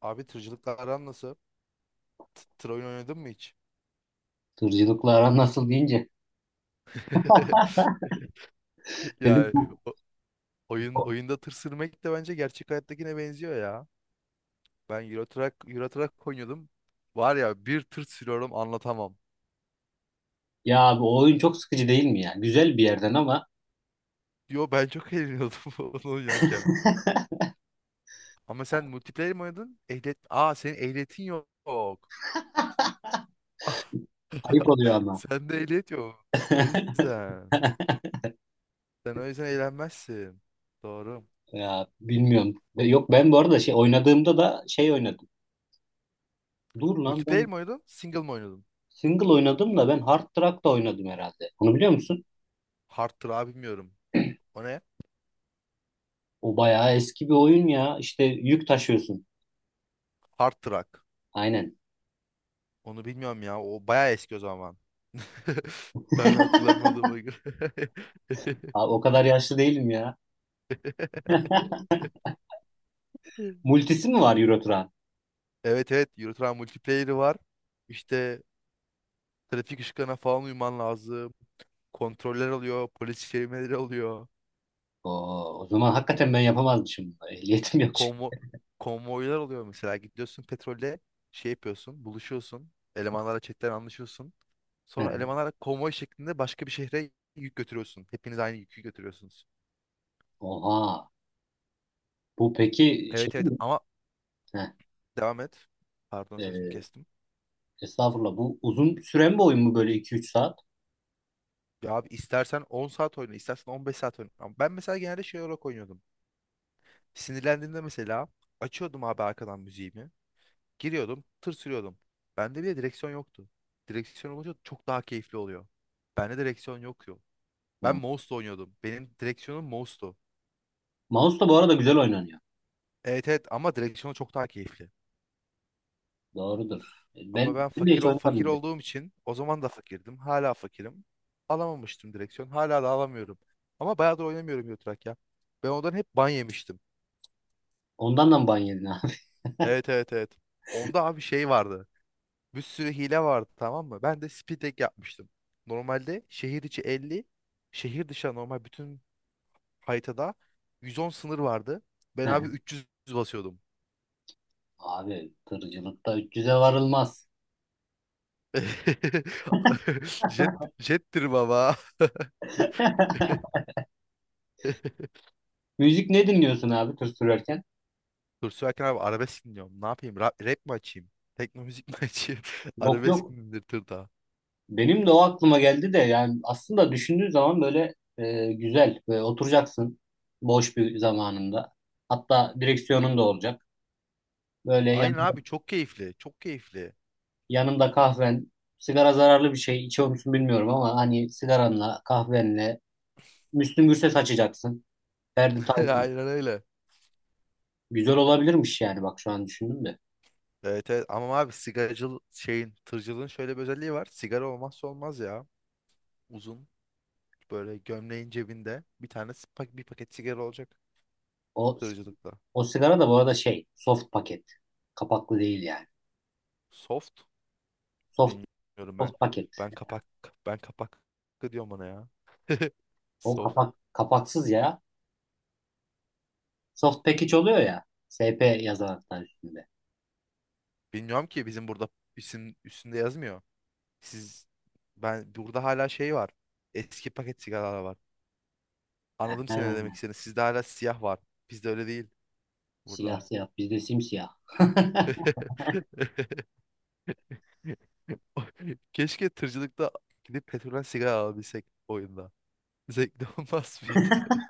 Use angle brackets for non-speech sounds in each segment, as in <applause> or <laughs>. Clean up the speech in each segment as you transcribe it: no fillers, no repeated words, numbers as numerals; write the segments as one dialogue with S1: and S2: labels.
S1: Abi tırcılıkla aran nasıl? Tır oyun oynadın mı hiç?
S2: Tırcılıkla aran nasıl deyince
S1: <laughs>
S2: dedim
S1: Yani,
S2: bu
S1: o-
S2: bu-
S1: oyunda tır sürmek de bence gerçek hayattakine benziyor ya. Ben Euro Truck oynuyordum. Var ya, bir tır sürüyorum, anlatamam.
S2: Ya abi o oyun çok sıkıcı değil mi ya? Güzel bir yerden ama,
S1: Yo, ben çok eğleniyordum <laughs> onu oynarken. Ama sen multiplayer mi oynadın? Ehliyet... Aa, senin ehliyetin yok.
S2: ayıp
S1: <laughs>
S2: oluyor ama.
S1: Sende ehliyet yok. O yüzden.
S2: <laughs>
S1: Sen o yüzden eğlenmezsin. Doğru.
S2: Ya bilmiyorum. Yok, ben bu arada şey oynadığımda da şey oynadım. Dur lan
S1: Multiplayer
S2: ben
S1: mi oynadın? Single mi oynadın?
S2: single oynadım da ben Hard Truck da oynadım herhalde. Onu biliyor musun?
S1: Hard tır abi, bilmiyorum. O ne?
S2: O bayağı eski bir oyun ya. İşte yük taşıyorsun.
S1: Hard Truck,
S2: Aynen.
S1: onu bilmiyorum ya. O bayağı eski o zaman. <laughs> Ben hatırlamadığıma göre.
S2: Abi o kadar yaşlı değilim ya.
S1: <laughs>
S2: Multisi mi var Euro Truck'ın?
S1: Evet, evet, Euro multiplayer'i var. İşte trafik ışıklarına falan uyman lazım. Kontroller oluyor, polis çevirmeleri oluyor.
S2: Oo, o zaman hakikaten ben yapamazmışım. Ehliyetim yok çünkü.
S1: Konvo konvoylar oluyor mesela. Gidiyorsun petrolde şey yapıyorsun, buluşuyorsun. Elemanlarla chatten anlaşıyorsun.
S2: <laughs>
S1: Sonra
S2: Heh.
S1: elemanlarla konvoy şeklinde başka bir şehre yük götürüyorsun. Hepiniz aynı yükü götürüyorsunuz.
S2: Oha. Bu peki şey
S1: Evet, evet,
S2: mi?
S1: ama... Devam et. Pardon, sözünü
S2: Heh.
S1: kestim.
S2: Estağfurullah. Bu uzun süren bir oyun mu böyle iki üç saat?
S1: Ya abi, istersen 10 saat oyna, istersen 15 saat oyna. Ama ben mesela genelde şey olarak oynuyordum. Sinirlendiğimde mesela açıyordum abi arkadan müziğimi. Giriyordum, tır sürüyordum. Bende bile direksiyon yoktu. Direksiyon olunca çok daha keyifli oluyor. Bende direksiyon yok yo. Ben
S2: Hı.
S1: mouse'la oynuyordum. Benim direksiyonum mouse'tu.
S2: Mouse da bu arada güzel oynanıyor.
S1: Evet, evet, ama direksiyon çok daha keyifli.
S2: Doğrudur.
S1: Ama
S2: Ben,
S1: ben
S2: ben de
S1: fakir
S2: hiç
S1: o fakir
S2: bile.
S1: olduğum için o zaman da fakirdim. Hala fakirim. Alamamıştım direksiyon. Hala da alamıyorum. Ama bayağıdır oynamıyorum Euro Truck ya. Ben ondan hep ban yemiştim.
S2: Ondan da mı ban yedin abi?
S1: Evet, evet, evet. Onda abi şey vardı. Bir sürü hile vardı, tamam mı? Ben de speed hack yapmıştım. Normalde şehir içi 50, şehir dışı normal bütün haritada 110 sınır vardı. Ben abi
S2: <laughs>
S1: 300 basıyordum.
S2: Abi tırcılıkta 300'e varılmaz.
S1: <laughs> Jet, jettir baba.
S2: <laughs>
S1: <laughs>
S2: Müzik ne dinliyorsun abi tır sürerken?
S1: Dur, sürerken abi arabesk dinliyorum. Ne yapayım? Rap mi açayım? Tekno müzik mi <laughs> açayım?
S2: Yok
S1: Arabesk
S2: yok.
S1: mi dinletir daha?
S2: Benim de o aklıma geldi de yani aslında düşündüğü zaman böyle güzel. Böyle oturacaksın boş bir zamanında. Hatta direksiyonun da olacak. Böyle
S1: Aynen abi, çok keyifli. Çok keyifli.
S2: yanımda kahven. Sigara zararlı bir şey. İçiyor musun bilmiyorum ama hani sigaranla, kahvenle Müslüm Gürses açacaksın. Ferdi
S1: <laughs>
S2: Tayfur.
S1: Aynen öyle.
S2: Güzel olabilirmiş yani bak şu an düşündüm de.
S1: Evet, evet. Ama abi sigaracıl şeyin tırcılığın şöyle bir özelliği var. Sigara olmazsa olmaz ya. Uzun böyle gömleğin cebinde bir tane bir paket sigara olacak
S2: O
S1: tırcılıkta.
S2: o sigara da bu arada şey, soft paket. Kapaklı değil yani.
S1: Soft,
S2: Soft
S1: bilmiyorum ben.
S2: soft paket.
S1: Ben kapak ben kapak diyorum ona ya. <laughs>
S2: O
S1: Soft.
S2: kapak kapaksız ya. Soft package oluyor ya. SP yazan hatta üstünde.
S1: Bilmiyorum ki, bizim burada isim üstünde yazmıyor. Siz... Ben burada hala şey var. Eski paket sigaralar var. Anladım seni, ne demek
S2: Ha,
S1: istediğini. Sizde hala siyah var. Bizde öyle değil burada.
S2: siyah siyah bizde simsiyah. <laughs>
S1: <laughs> Keşke tırcılıkta gidip petrolden sigara alabilsek oyunda. Zevkli olmaz mıydı? <laughs>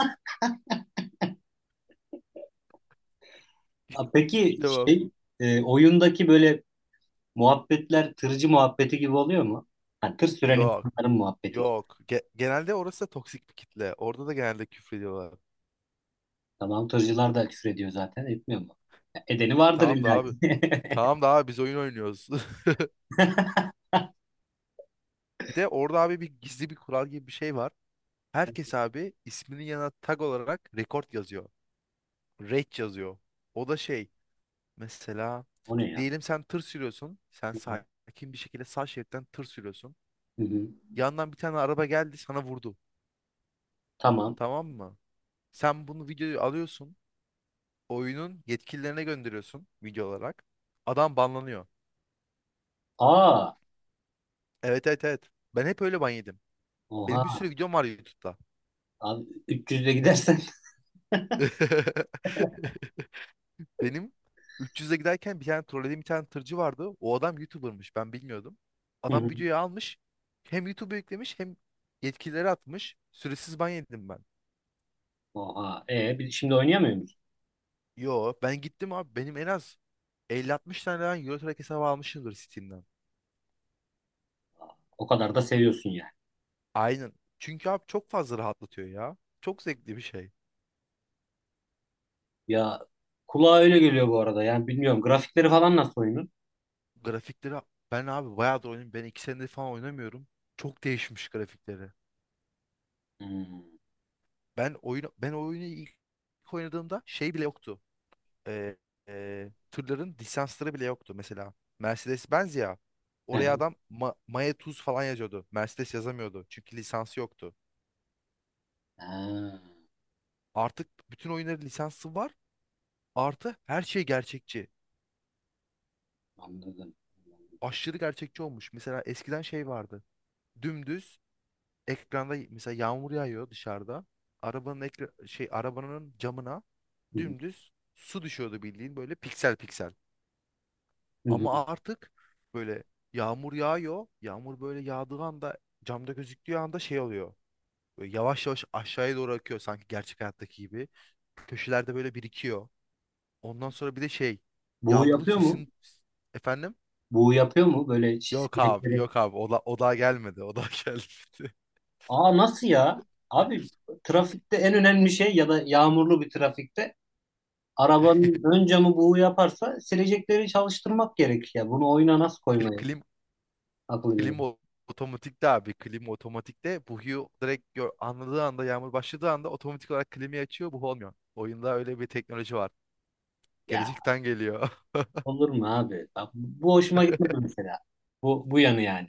S2: Ha, peki
S1: Tamam.
S2: şey, oyundaki böyle muhabbetler tırcı muhabbeti gibi oluyor mu? Ha, tır süren
S1: Yok.
S2: insanların muhabbeti gibi.
S1: Yok. Genelde orası da toksik bir kitle. Orada da genelde küfrediyorlar.
S2: Tamam tırcılar da küfür ediyor zaten etmiyor mu? Ya, edeni vardır
S1: Tamam da
S2: illa
S1: abi.
S2: ki.
S1: Tamam da abi, biz oyun oynuyoruz. <laughs>
S2: <laughs>
S1: Bir de orada abi bir gizli bir kural gibi bir şey var. Herkes abi isminin yanına tag olarak rekord yazıyor. Rate yazıyor. O da şey, mesela
S2: O ne ya?
S1: diyelim sen tır sürüyorsun. Sen sakin bir şekilde sağ şeritten tır sürüyorsun.
S2: Hı hı.
S1: Yandan bir tane araba geldi, sana vurdu.
S2: Tamam.
S1: Tamam mı? Sen bunu, videoyu alıyorsun. Oyunun yetkililerine gönderiyorsun video olarak. Adam banlanıyor.
S2: Aa,
S1: Evet, evet, evet. Ben hep öyle ban yedim. Benim bir
S2: oha.
S1: sürü videom var YouTube'da.
S2: Abi 300'de gidersen.
S1: <laughs> Benim 300'e giderken bir tane trollediğim bir tane tırcı vardı. O adam YouTuber'mış. Ben bilmiyordum.
S2: Hı
S1: Adam
S2: hı.
S1: videoyu almış. Hem YouTube'a yüklemiş hem yetkilileri atmış. Süresiz ban yedim ben.
S2: Oha. Şimdi oynayamıyor musun?
S1: Yo, ben gittim abi. Benim en az 50-60 tane ben Eurotrack hesabı almışımdır Steam'den.
S2: Aa, o kadar da seviyorsun yani.
S1: Aynen. Çünkü abi çok fazla rahatlatıyor ya. Çok zevkli bir şey.
S2: Ya kulağa öyle geliyor bu arada. Yani bilmiyorum grafikleri falan nasıl oyunun?
S1: Grafikleri... Ben abi bayağıdır oynuyorum. Ben 2 senedir falan oynamıyorum. Çok değişmiş grafikleri.
S2: Hmm.
S1: Ben oyunu ilk oynadığımda şey bile yoktu. e, Tırların lisansları bile yoktu mesela. Mercedes-Benz ya.
S2: Hı
S1: Oraya
S2: hı.
S1: adam Maya Tuz falan yazıyordu. Mercedes yazamıyordu. Çünkü lisansı yoktu.
S2: Ha,
S1: Artık bütün oyunların lisansı var. Artı her şey gerçekçi.
S2: anladım.
S1: Aşırı gerçekçi olmuş. Mesela eskiden şey vardı. Dümdüz ekranda mesela yağmur yağıyor dışarıda. Arabanın ekra şey arabanın camına
S2: Hı hı.
S1: dümdüz su düşüyordu, bildiğin böyle piksel piksel.
S2: Hı hı.
S1: Ama artık böyle yağmur yağıyor. Yağmur böyle yağdığı anda, camda gözüktüğü anda şey oluyor. Böyle yavaş yavaş aşağıya doğru akıyor sanki gerçek hayattaki gibi. Köşelerde böyle birikiyor. Ondan sonra bir de şey,
S2: Bu
S1: yağmurun
S2: yapıyor mu?
S1: sesini... Efendim?
S2: Bu yapıyor mu böyle
S1: Yok abi,
S2: çizgileri?
S1: yok abi, o daha <laughs> gelmedi.
S2: Aa nasıl ya? Abi trafikte en önemli şey ya da yağmurlu bir trafikte arabanın ön camı buğu yaparsa silecekleri çalıştırmak gerek ya. Bunu oyuna nasıl
S1: Kli-
S2: koymayı
S1: Klim,
S2: akıl
S1: klim
S2: edemiyorum.
S1: o- Otomatikte abi, klim otomatikte buhu direkt anladığı anda, yağmur başladığı anda otomatik olarak klimi açıyor, buhu olmuyor. Oyunda öyle bir teknoloji var.
S2: Ya
S1: Gelecekten geliyor.
S2: olur mu abi? Bak, bu hoşuma gitmedi
S1: <laughs>
S2: mesela. Bu yanı yani.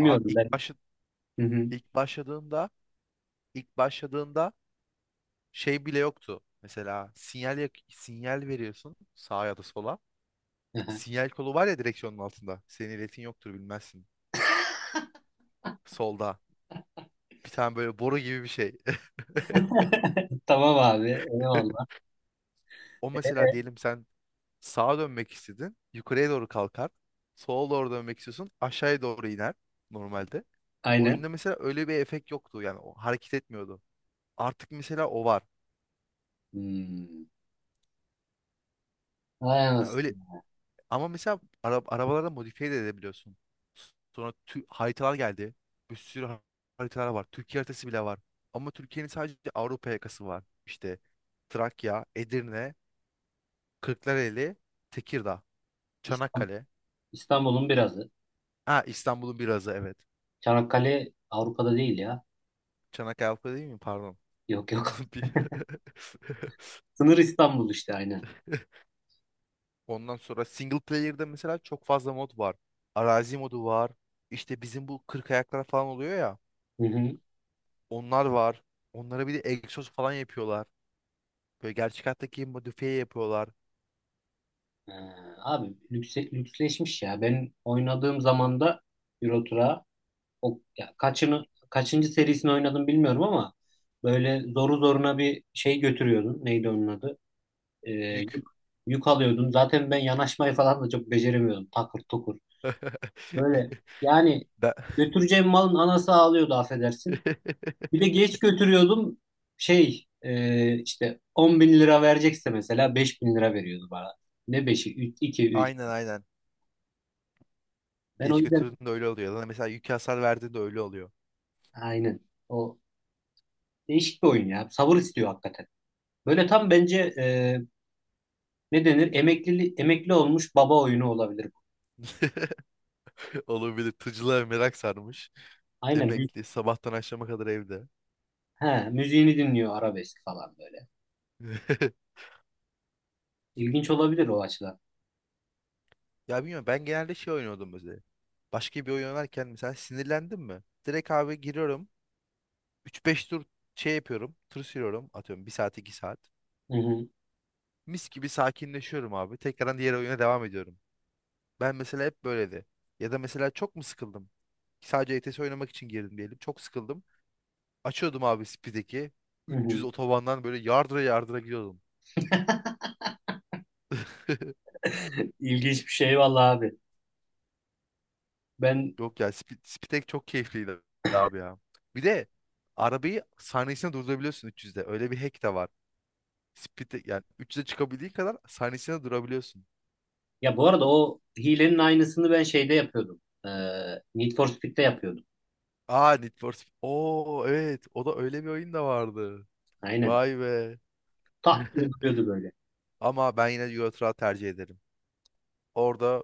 S1: Abi
S2: ben. Hı hı.
S1: ilk başladığında ilk başladığında şey bile yoktu. Mesela sinyal veriyorsun sağa ya da sola.
S2: Aha.
S1: Sinyal kolu var ya direksiyonun altında. Senin iletin yoktur, bilmezsin. Solda bir tane böyle boru gibi bir şey.
S2: <laughs> Tamam abi. Eyvallah.
S1: <laughs> O,
S2: Ee,
S1: mesela diyelim sen sağa dönmek istedin. Yukarıya doğru kalkar. Sola doğru dönmek istiyorsun. Aşağıya doğru iner normalde.
S2: Aynen.
S1: Oyunda mesela öyle bir efekt yoktu. Yani o hareket etmiyordu. Artık mesela o var.
S2: Hmm. Vay
S1: Ha, öyle.
S2: anasını.
S1: Ama mesela arabalarda modifiye de edebiliyorsun. Sonra haritalar geldi. Bir sürü haritalar var. Türkiye haritası bile var. Ama Türkiye'nin sadece Avrupa yakası var. İşte Trakya, Edirne, Kırklareli, Tekirdağ,
S2: İstanbul-
S1: Çanakkale.
S2: İstanbul'un birazı.
S1: Ha, İstanbul'un birazı, evet.
S2: Çanakkale Avrupa'da değil ya.
S1: Çanakkale Avrupa değil mi? Pardon.
S2: Yok
S1: <laughs>
S2: yok.
S1: Bir- <laughs>
S2: Sınır İstanbul işte aynen.
S1: Ondan sonra single player'da mesela çok fazla mod var. Arazi modu var. İşte bizim bu kırk ayaklar falan oluyor ya.
S2: Hı hı.
S1: Onlar var. Onlara bir de egzoz falan yapıyorlar. Böyle gerçek hayattaki gibi modifiye yapıyorlar.
S2: Ee, abi lüksleşmiş ya. Ben oynadığım zaman da Euro Truck'a o ya kaçıncı serisini oynadım bilmiyorum ama böyle zoru zoruna bir şey götürüyordun. Neydi onun adı? Ee, yük,
S1: Gük.
S2: yük alıyordun. Zaten ben yanaşmayı falan da çok beceremiyordum. Takır tukur. Böyle
S1: <laughs>
S2: yani
S1: Ben...
S2: götüreceğim malın anası ağlıyordu affedersin. Bir de
S1: <laughs>
S2: geç götürüyordum. Şey, işte 10 bin lira verecekse mesela 5 bin lira veriyordu bana. Ne 5'i? 3, 2, 3.
S1: Aynen, aynen.
S2: Ben o
S1: Geç
S2: yüzden
S1: götürdüğünde öyle oluyor. Lan, mesela yük hasar verdiğinde öyle oluyor.
S2: aynen. O değişik bir oyun ya. Sabır istiyor hakikaten. Böyle tam bence ne denir? Emekli olmuş baba oyunu olabilir bu.
S1: <laughs> Olabilir. Tırcılığa merak sarmış.
S2: Aynen.
S1: Emekli. Sabahtan akşama kadar evde.
S2: He, müziğini dinliyor arabesk falan böyle.
S1: <laughs>
S2: İlginç olabilir o açıdan.
S1: Ya bilmiyorum, ben genelde şey oynuyordum mesela. Başka bir oyun oynarken mesela sinirlendim mi? Direkt abi giriyorum. 3-5 tur şey yapıyorum. Tur sürüyorum. Atıyorum 1 saat 2 saat.
S2: Hı hı,
S1: Mis gibi sakinleşiyorum abi. Tekrardan diğer oyuna devam ediyorum. Ben mesela hep böyleydi. Ya da mesela çok mu sıkıldım? Sadece ETS oynamak için girdim diyelim. Çok sıkıldım. Açıyordum abi Speed'deki.
S2: hı
S1: 300
S2: hı.
S1: otobandan böyle yardıra yardıra gidiyordum. <laughs>
S2: <laughs> İlginç bir şey vallahi abi. Ben
S1: Yok ya, Speed'deki çok keyifliydi abi ya. Bir de arabayı saniyesine durdurabiliyorsun 300'de. Öyle bir hack de var. Speed'de yani 300'e çıkabildiği kadar saniyesine durabiliyorsun.
S2: Ya bu arada o hilenin aynısını ben şeyde yapıyordum. Need for Speed'de yapıyordum.
S1: Aa, Need for Speed. Oo, evet, o da öyle bir oyun da vardı.
S2: Aynen.
S1: Vay be.
S2: Tak diye
S1: <laughs>
S2: duruyordu böyle.
S1: Ama ben yine Euro Truck tercih ederim. Orada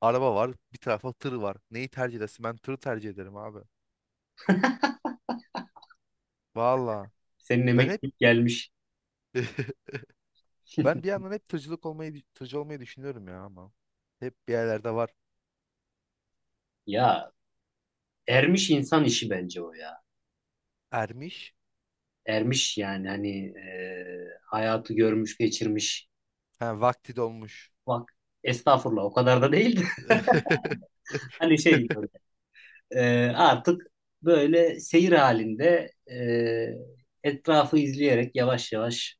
S1: araba var. Bir tarafa tır var. Neyi tercih edersin? Ben tırı tercih ederim abi. Valla.
S2: Senin
S1: Ben hep
S2: emeklilik gelmiş.
S1: <laughs> ben bir
S2: <laughs>
S1: yandan hep tırcı olmayı düşünüyorum ya ama. Hep bir yerlerde var.
S2: Ya ermiş insan işi bence o ya.
S1: Ermiş.
S2: Ermiş yani hani hayatı görmüş geçirmiş.
S1: Ha, vakti dolmuş.
S2: Bak estağfurullah o kadar da değildi.
S1: <laughs>
S2: <laughs> Hani şey böyle artık böyle seyir halinde etrafı izleyerek yavaş yavaş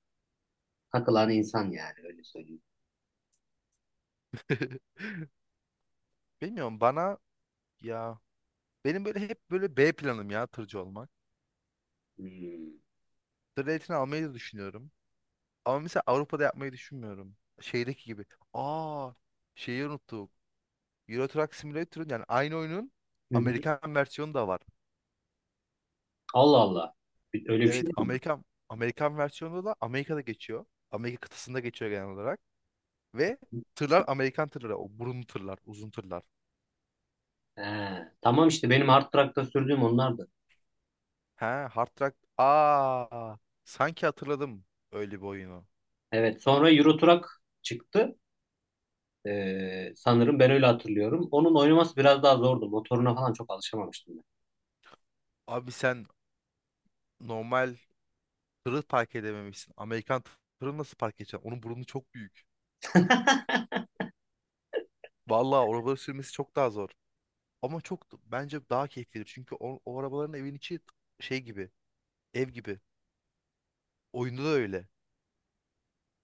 S2: takılan insan yani öyle söyleyeyim.
S1: Bilmiyorum, bana... Ya benim böyle hep böyle B planım ya, tırcı olmak.
S2: Hmm.
S1: Tır ehliyetini almayı da düşünüyorum. Ama mesela Avrupa'da yapmayı düşünmüyorum. Şeydeki gibi. Aa, şeyi unuttuk. Euro Truck Simulator'ın, yani aynı oyunun
S2: <laughs>
S1: Amerikan versiyonu da var.
S2: Allah Allah. Öyle bir şey
S1: Evet,
S2: mi?
S1: Amerikan versiyonunda da Amerika'da geçiyor. Amerika kıtasında geçiyor genel olarak. Ve tırlar Amerikan tırları. O burun tırlar, uzun tırlar.
S2: He, tamam işte benim hard drive'da sürdüğüm onlar da.
S1: He, Hard Truck. Aa, sanki hatırladım öyle bir oyunu.
S2: Evet, sonra Euro Truck çıktı. Sanırım ben öyle hatırlıyorum. Onun oynaması biraz daha zordu. Motoruna falan çok alışamamıştım ben.
S1: Abi sen normal tırı park edememişsin. Amerikan tırı nasıl park edeceksin? Onun burnu çok büyük. Vallahi o arabaları sürmesi çok daha zor. Ama çok, bence daha keyiflidir. Çünkü o arabaların evin içi şey gibi, ev gibi. Oyunda da öyle.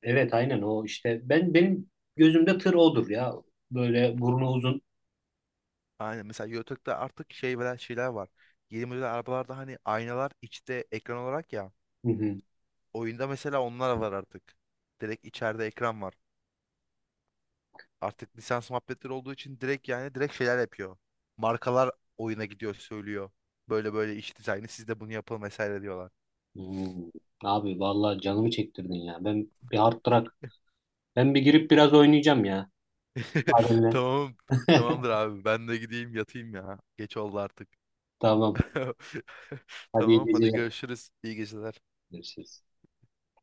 S2: Evet, aynen o işte. Benim gözümde tır odur ya. Böyle burnu uzun.
S1: Aynen, mesela YouTube'da artık şey veren şeyler var. Yeni model arabalarda hani aynalar içte ekran olarak ya.
S2: Hı hı.
S1: Oyunda mesela onlar var artık. Direkt içeride ekran var. Artık lisans muhabbetleri olduğu için direkt, yani direkt şeyler yapıyor. Markalar oyuna gidiyor söylüyor. Böyle böyle iç dizaynı siz de bunu yapın vesaire diyorlar.
S2: Hmm. Abi vallahi canımı çektirdin ya. Ben bir hard truck. Ben bir girip biraz oynayacağım ya.
S1: <laughs>
S2: Müsaadenle.
S1: Tamam.
S2: <laughs>
S1: Tamamdır abi, ben de gideyim yatayım ya. Geç oldu artık.
S2: Tamam.
S1: <laughs>
S2: Hadi iyi
S1: Tamam, hadi
S2: geceler.
S1: görüşürüz. İyi geceler.
S2: Görüşürüz.